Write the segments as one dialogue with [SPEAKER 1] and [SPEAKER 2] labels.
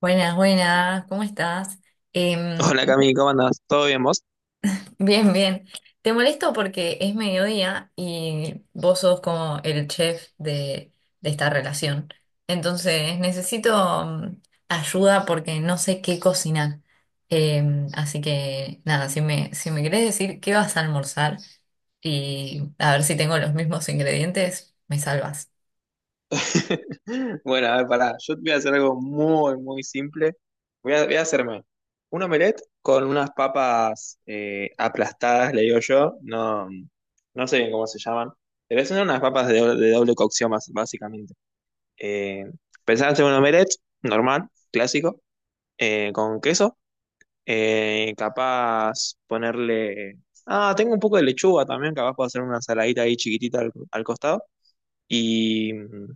[SPEAKER 1] Buenas, buenas, ¿cómo estás? Em,
[SPEAKER 2] Hola Cami, ¿cómo andas? ¿Todo bien vos?
[SPEAKER 1] bien. Te molesto porque es mediodía y vos sos como el chef de esta relación. Entonces necesito ayuda porque no sé qué cocinar. Así que nada, si me querés decir qué vas a almorzar y a ver si tengo los mismos ingredientes, me salvas.
[SPEAKER 2] Bueno, a ver, pará. Yo te voy a hacer algo muy, muy simple. Voy a hacerme un omelette con unas papas aplastadas, le digo yo. No, no sé bien cómo se llaman. Pero son unas papas de doble cocción, básicamente. Eh, Pensaba hacer un omelette normal, clásico, con queso. Capaz ponerle... Ah, tengo un poco de lechuga también, capaz puedo hacer una ensaladita ahí chiquitita al costado. Y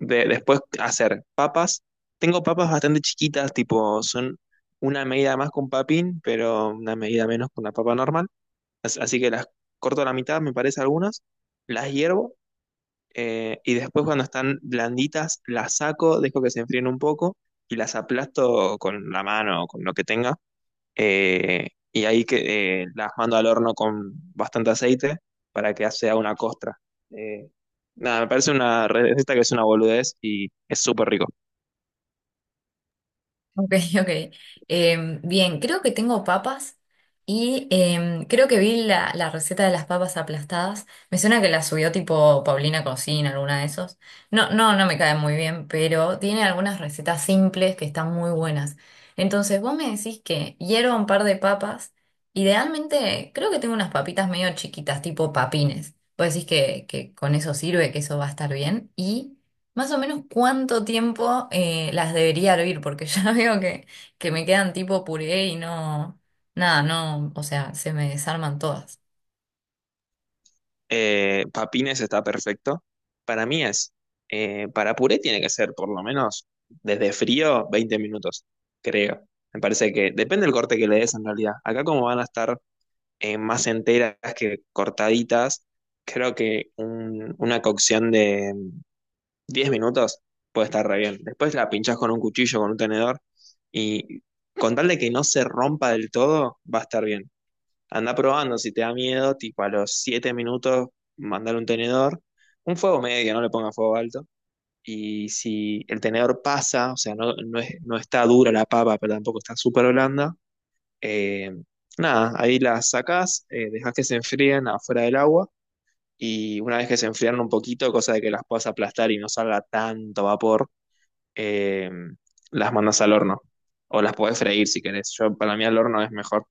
[SPEAKER 2] después hacer papas. Tengo papas bastante chiquitas, tipo, son una medida más con papín, pero una medida menos con una papa normal. Así que las corto a la mitad, me parece algunas, las hiervo, y después cuando están blanditas las saco, dejo que se enfríen un poco y las aplasto con la mano o con lo que tenga, y ahí que, las mando al horno con bastante aceite para que sea una costra. Eh, nada, Me parece una receta que es una boludez y es súper rico.
[SPEAKER 1] Ok, ok. Bien, creo que tengo papas y creo que vi la receta de las papas aplastadas. Me suena que la subió tipo Paulina Cocina, alguna de esos. No me cae muy bien, pero tiene algunas recetas simples que están muy buenas. Entonces, vos me decís que hierva un par de papas. Idealmente, creo que tengo unas papitas medio chiquitas, tipo papines. Vos decís que con eso sirve, que eso va a estar bien. Y más o menos cuánto tiempo las debería hervir, porque ya veo que me quedan tipo puré y no, nada, no, o sea, se me desarman todas.
[SPEAKER 2] Papines está perfecto. Para mí es, para puré tiene que ser por lo menos desde frío 20 minutos, creo. Me parece que depende del corte que le des en realidad. Acá como van a estar, más enteras que cortaditas, creo que una cocción de 10 minutos puede estar re bien. Después la pinchás con un cuchillo, con un tenedor, y con tal de que no se rompa del todo, va a estar bien. Anda probando, si te da miedo, tipo a los 7 minutos, mandar un tenedor, un fuego medio, no le ponga fuego alto. Y si el tenedor pasa, o sea, no está dura la papa, pero tampoco está súper blanda, eh, nada, ahí las sacás, dejás que se enfríen afuera del agua. Y una vez que se enfriaron un poquito, cosa de que las puedas aplastar y no salga tanto vapor, eh, las mandas al horno. O las podés freír si querés. Yo, para mí al horno es mejor.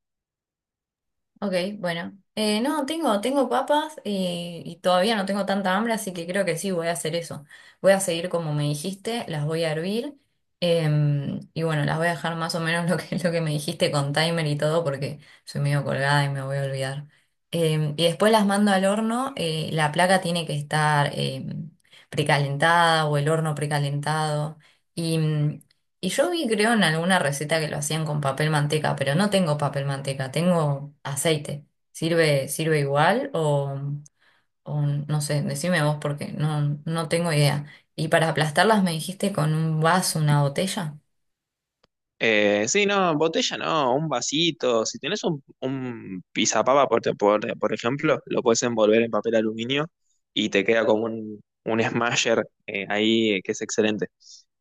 [SPEAKER 1] Ok, bueno. No, tengo, tengo papas y todavía no tengo tanta hambre, así que creo que sí voy a hacer eso. Voy a seguir como me dijiste, las voy a hervir y bueno, las voy a dejar más o menos lo que me dijiste con timer y todo porque soy medio colgada y me voy a olvidar. Y después las mando al horno, la placa tiene que estar precalentada o el horno precalentado. Y y yo vi, creo, en alguna receta que lo hacían con papel manteca, pero no tengo papel manteca, tengo aceite. ¿Sirve, sirve igual o no sé, decime vos porque no tengo idea. Y para aplastarlas me dijiste con un vaso, una botella.
[SPEAKER 2] Sí, no, botella no, un vasito. Si tenés un pisapapa, por ejemplo, lo puedes envolver en papel aluminio y te queda como un smasher ahí, que es excelente.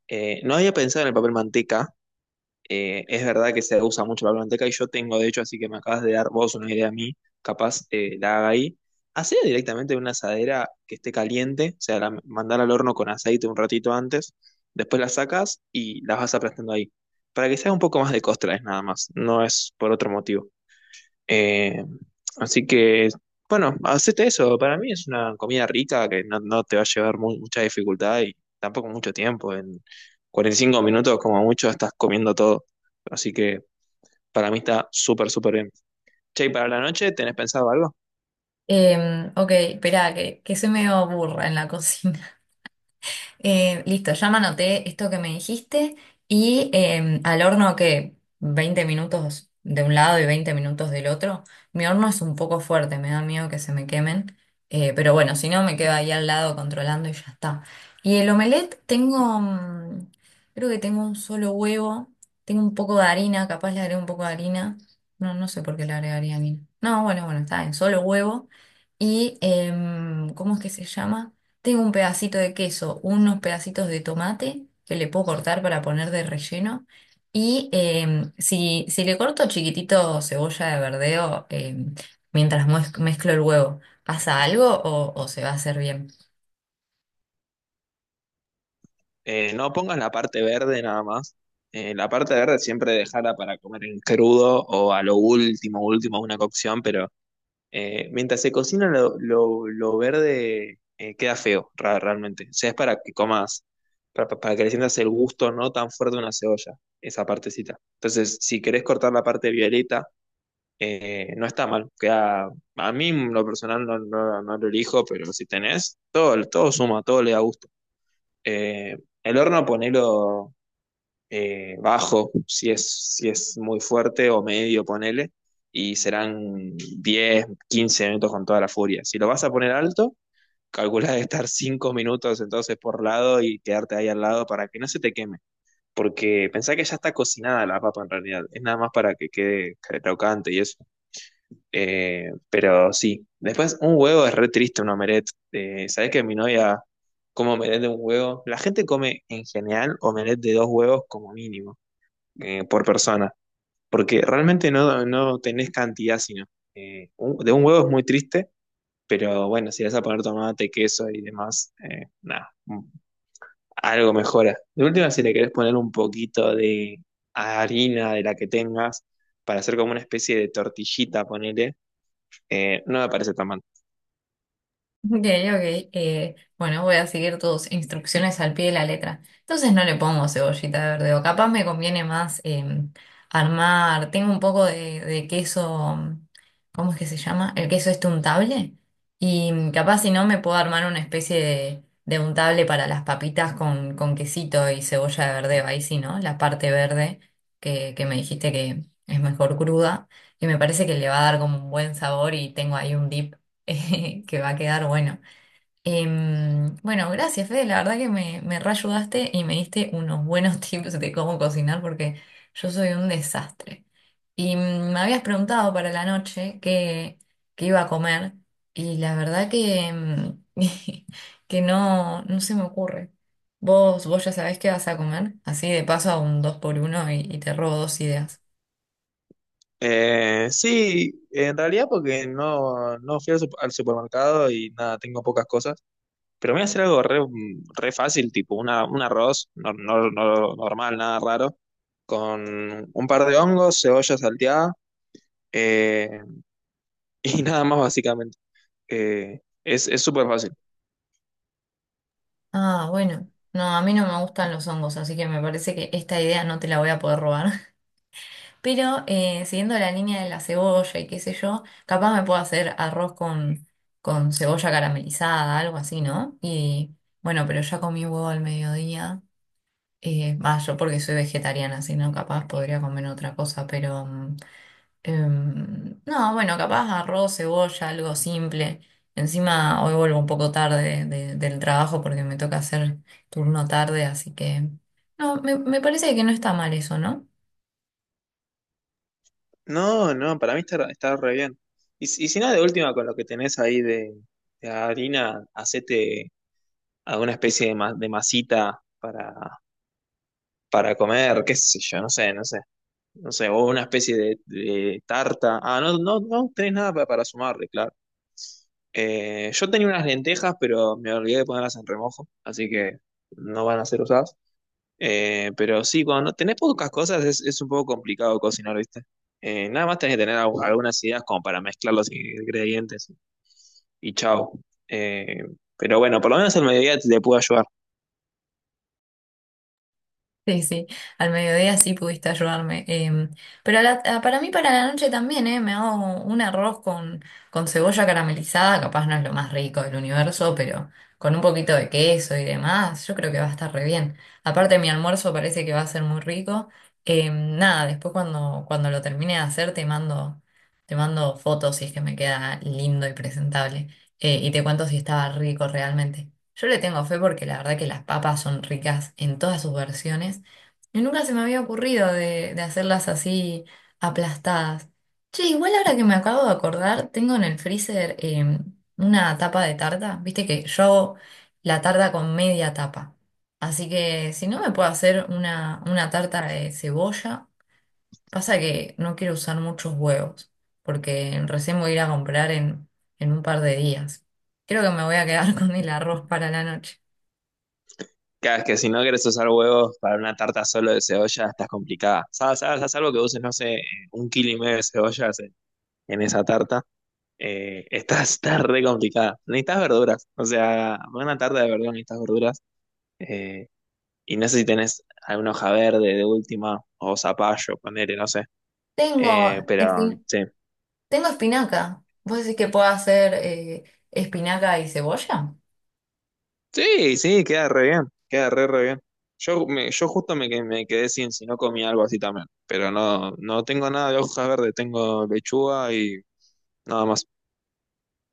[SPEAKER 2] No había pensado en el papel manteca. Es verdad que se usa mucho la biblioteca y yo tengo, de hecho, así que me acabas de dar vos una idea a mí, capaz la haga ahí. Hacer directamente una asadera que esté caliente, o sea, mandar al horno con aceite un ratito antes, después la sacas y las vas aplastando ahí. Para que sea un poco más de costra, es nada más, no es por otro motivo. Eh, Así que, bueno, hacete eso. Para mí es una comida rica que no te va a llevar mucha dificultad y tampoco mucho tiempo. En 45 minutos, como mucho, estás comiendo todo. Así que para mí está súper, súper bien. Che, ¿y para la noche tenés pensado algo?
[SPEAKER 1] Ok, espera, que soy medio burra en la cocina. Listo, ya me anoté esto que me dijiste y al horno que 20 minutos de un lado y 20 minutos del otro. Mi horno es un poco fuerte, me da miedo que se me quemen, pero bueno, si no me quedo ahí al lado controlando y ya está. Y el omelette tengo, mm, creo que tengo un solo huevo, tengo un poco de harina, capaz le agrego un poco de harina. No, no sé por qué le agregaría harina. No, bueno, bueno, está bien, solo huevo. Y, ¿cómo es que se llama? Tengo un pedacito de queso, unos pedacitos de tomate que le puedo cortar para poner de relleno. Y si le corto chiquitito cebolla de verdeo mientras mezclo el huevo, ¿pasa algo o se va a hacer bien?
[SPEAKER 2] No pongas la parte verde nada más. La parte verde siempre dejarla para comer en crudo o a lo último, último, una cocción. Pero mientras se cocina lo verde, queda feo, realmente. O sea, es para que comas, para que le sientas el gusto no tan fuerte de una cebolla, esa partecita. Entonces, si querés cortar la parte violeta, no está mal. Queda, a mí en lo personal no lo elijo, pero si tenés, todo, todo suma, todo le da gusto. Eh, el horno ponelo, bajo, si es muy fuerte o medio, ponele, y serán 10 15 minutos con toda la furia. Si lo vas a poner alto, calcula de estar 5 minutos entonces por lado y quedarte ahí al lado para que no se te queme. Porque pensá que ya está cocinada la papa en realidad, es nada más para que quede crocante y eso. Pero sí, después un huevo es re triste, un omelette. ¿Sabés que mi novia come omelette de un huevo? La gente come en general omelette de dos huevos como mínimo, por persona, porque realmente no tenés cantidad, sino de un huevo es muy triste, pero bueno, si le vas a poner tomate, queso y demás, nada, mm, algo mejora. De última, si le querés poner un poquito de harina de la que tengas para hacer como una especie de tortillita, ponele, no me parece tan mal.
[SPEAKER 1] Ok, ok. Eh, bueno, voy a seguir tus instrucciones al pie de la letra. Entonces no le pongo cebollita verde o capaz me conviene más armar. Tengo un poco de queso, mm, ¿cómo es que se llama? El queso este untable. Y mm, capaz si no me puedo armar una especie de untable para las papitas con quesito y cebolla de verdeo. Ahí sí, ¿no? La parte verde que me dijiste que es mejor cruda. Y me parece que le va a dar como un buen sabor y tengo ahí un dip que va a quedar bueno. Bueno, gracias, Fede. La verdad que me reayudaste y me diste unos buenos tips de cómo cocinar porque yo soy un desastre. Y mm, me habías preguntado para la noche qué iba a comer y la verdad que, mm, que no se me ocurre. Vos ya sabés qué vas a comer? Así de paso a un dos por uno y te robo dos ideas.
[SPEAKER 2] Sí, en realidad porque no fui al al supermercado y nada, tengo pocas cosas. Pero voy a hacer algo re fácil, tipo un arroz normal, nada raro, con un par de hongos, cebolla salteada, eh, y nada más básicamente. Es súper fácil.
[SPEAKER 1] Ah, bueno. No, a mí no me gustan los hongos, así que me parece que esta idea no te la voy a poder robar. Pero siguiendo la línea de la cebolla y qué sé yo, capaz me puedo hacer arroz con cebolla caramelizada, algo así, ¿no? Y bueno, pero ya comí huevo al mediodía. Va, yo porque soy vegetariana, si no, capaz podría comer otra cosa, pero mm, em, no, bueno, capaz arroz, cebolla, algo simple. Encima hoy vuelvo un poco tarde del trabajo porque me toca hacer turno tarde, así que no, me parece que no está mal eso, ¿no?
[SPEAKER 2] No, no, para mí está re bien. Y si no, de última, con lo que tenés ahí de harina, hacete alguna especie de masita para comer, qué sé yo, no sé. No sé, o una especie de tarta. Ah, no tenés nada para sumarle, claro. Yo tenía unas lentejas, pero me olvidé de ponerlas en remojo, así que no van a ser usadas. Pero sí, cuando no tenés pocas cosas es un poco complicado cocinar, ¿viste? Nada más tenés que tener algunas ideas como para mezclar los ingredientes y chao. Eh, pero bueno, por lo menos el mediodía te puedo ayudar.
[SPEAKER 1] Sí, sí, al mediodía sí pudiste ayudarme. Em, pero para mí, para la noche también, me hago un arroz con cebolla caramelizada, capaz no es lo más rico del universo, pero con un poquito de queso y demás, yo creo que va a estar re bien. Aparte, mi almuerzo parece que va a ser muy rico. Em, nada, después cuando lo termine de hacer te mando fotos si es que me queda lindo y presentable. Eh, y te cuento si estaba rico realmente. Yo le tengo fe porque la verdad que las papas son ricas en todas sus versiones y nunca se me había ocurrido de hacerlas así aplastadas. Che, igual ahora que me acabo de acordar, tengo en el freezer una tapa de tarta. Viste que yo hago la tarta con media tapa. Así que si no me puedo hacer una tarta de cebolla, pasa que no quiero usar muchos huevos porque recién voy a ir a comprar en un par de días. Creo que me voy a quedar con el arroz para la noche.
[SPEAKER 2] Cada vez que si no quieres usar huevos para una tarta solo de cebolla, estás complicada. ¿Sabes? ¿Sabes? Haz algo que uses, no sé, 1,5 kilos de cebollas en esa tarta. Está, está re complicada. Necesitas verduras. O sea, para una tarta de verdura necesitas verduras. Eh, y no sé si tenés alguna hoja verde de última o zapallo, ponele, no sé.
[SPEAKER 1] Tengo,
[SPEAKER 2] Pero
[SPEAKER 1] espi-
[SPEAKER 2] sí.
[SPEAKER 1] tengo espinaca. ¿Vos decís que puedo hacer espinaca y cebolla?
[SPEAKER 2] Sí, sí, queda re bien. Queda re, re bien. Yo, me, yo justo me, que- Me quedé sin si no comí algo así también. Pero no tengo nada de hojas verdes. Tengo lechuga y nada más.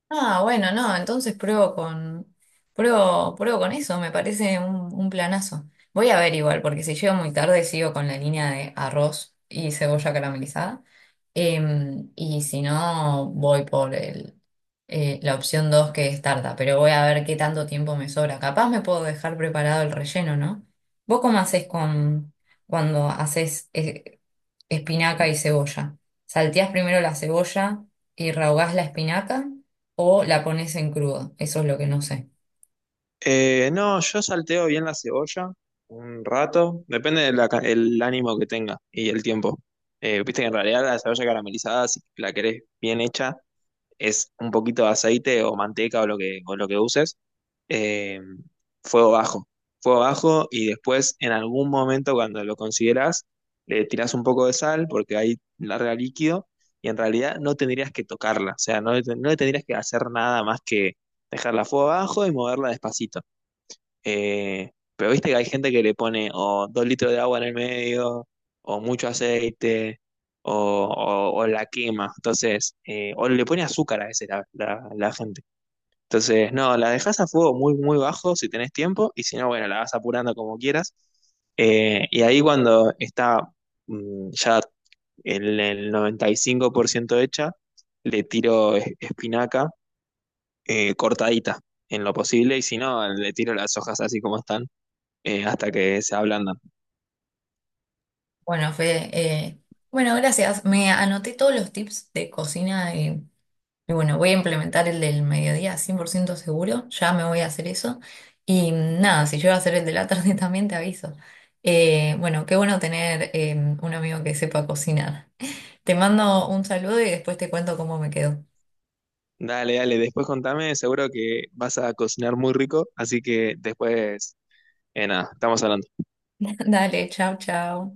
[SPEAKER 1] Ah, bueno, no, entonces pruebo, pruebo con eso, me parece un planazo. Voy a ver igual, porque si llego muy tarde sigo con la línea de arroz y cebolla caramelizada. Em, y si no, voy por la opción 2 que es tarta, pero voy a ver qué tanto tiempo me sobra. Capaz me puedo dejar preparado el relleno, ¿no? ¿Vos cómo haces cuando haces espinaca y cebolla? ¿Salteás primero la cebolla y rehogás la espinaca? ¿O la pones en crudo? Eso es lo que no sé.
[SPEAKER 2] No, yo salteo bien la cebolla un rato, depende del el ánimo que tenga y el tiempo. Viste que en realidad la cebolla caramelizada, si la querés bien hecha, es un poquito de aceite o manteca o lo que uses, eh, fuego bajo. Fuego bajo y después en algún momento cuando lo consideras, le tirás un poco de sal porque ahí larga líquido y en realidad no tendrías que tocarla, o sea, no, no le tendrías que hacer nada más que dejarla a fuego bajo y moverla despacito. Eh, pero viste que hay gente que le pone o 2 litros de agua en el medio, o mucho aceite, o la quema. Entonces, o le pone azúcar a veces la gente. Entonces, no, la dejas a fuego muy, muy bajo si tenés tiempo, y si no, bueno, la vas apurando como quieras. Y ahí cuando está ya el 95% hecha, le tiro espinaca, cortadita en lo posible, y si no, le tiro las hojas así como están, hasta que se ablandan.
[SPEAKER 1] Bueno, Fede, bueno, gracias. Me anoté todos los tips de cocina y bueno, voy a implementar el del mediodía 100% ciento seguro. Ya me voy a hacer eso. Y mm, nada, si yo a hacer el de la tarde también te aviso. Bueno, qué bueno tener un amigo que sepa cocinar. Te mando un saludo y después te cuento cómo me quedó.
[SPEAKER 2] Dale, dale, después contame, seguro que vas a cocinar muy rico, así que después, nada, estamos hablando.
[SPEAKER 1] Dale, chao, chao.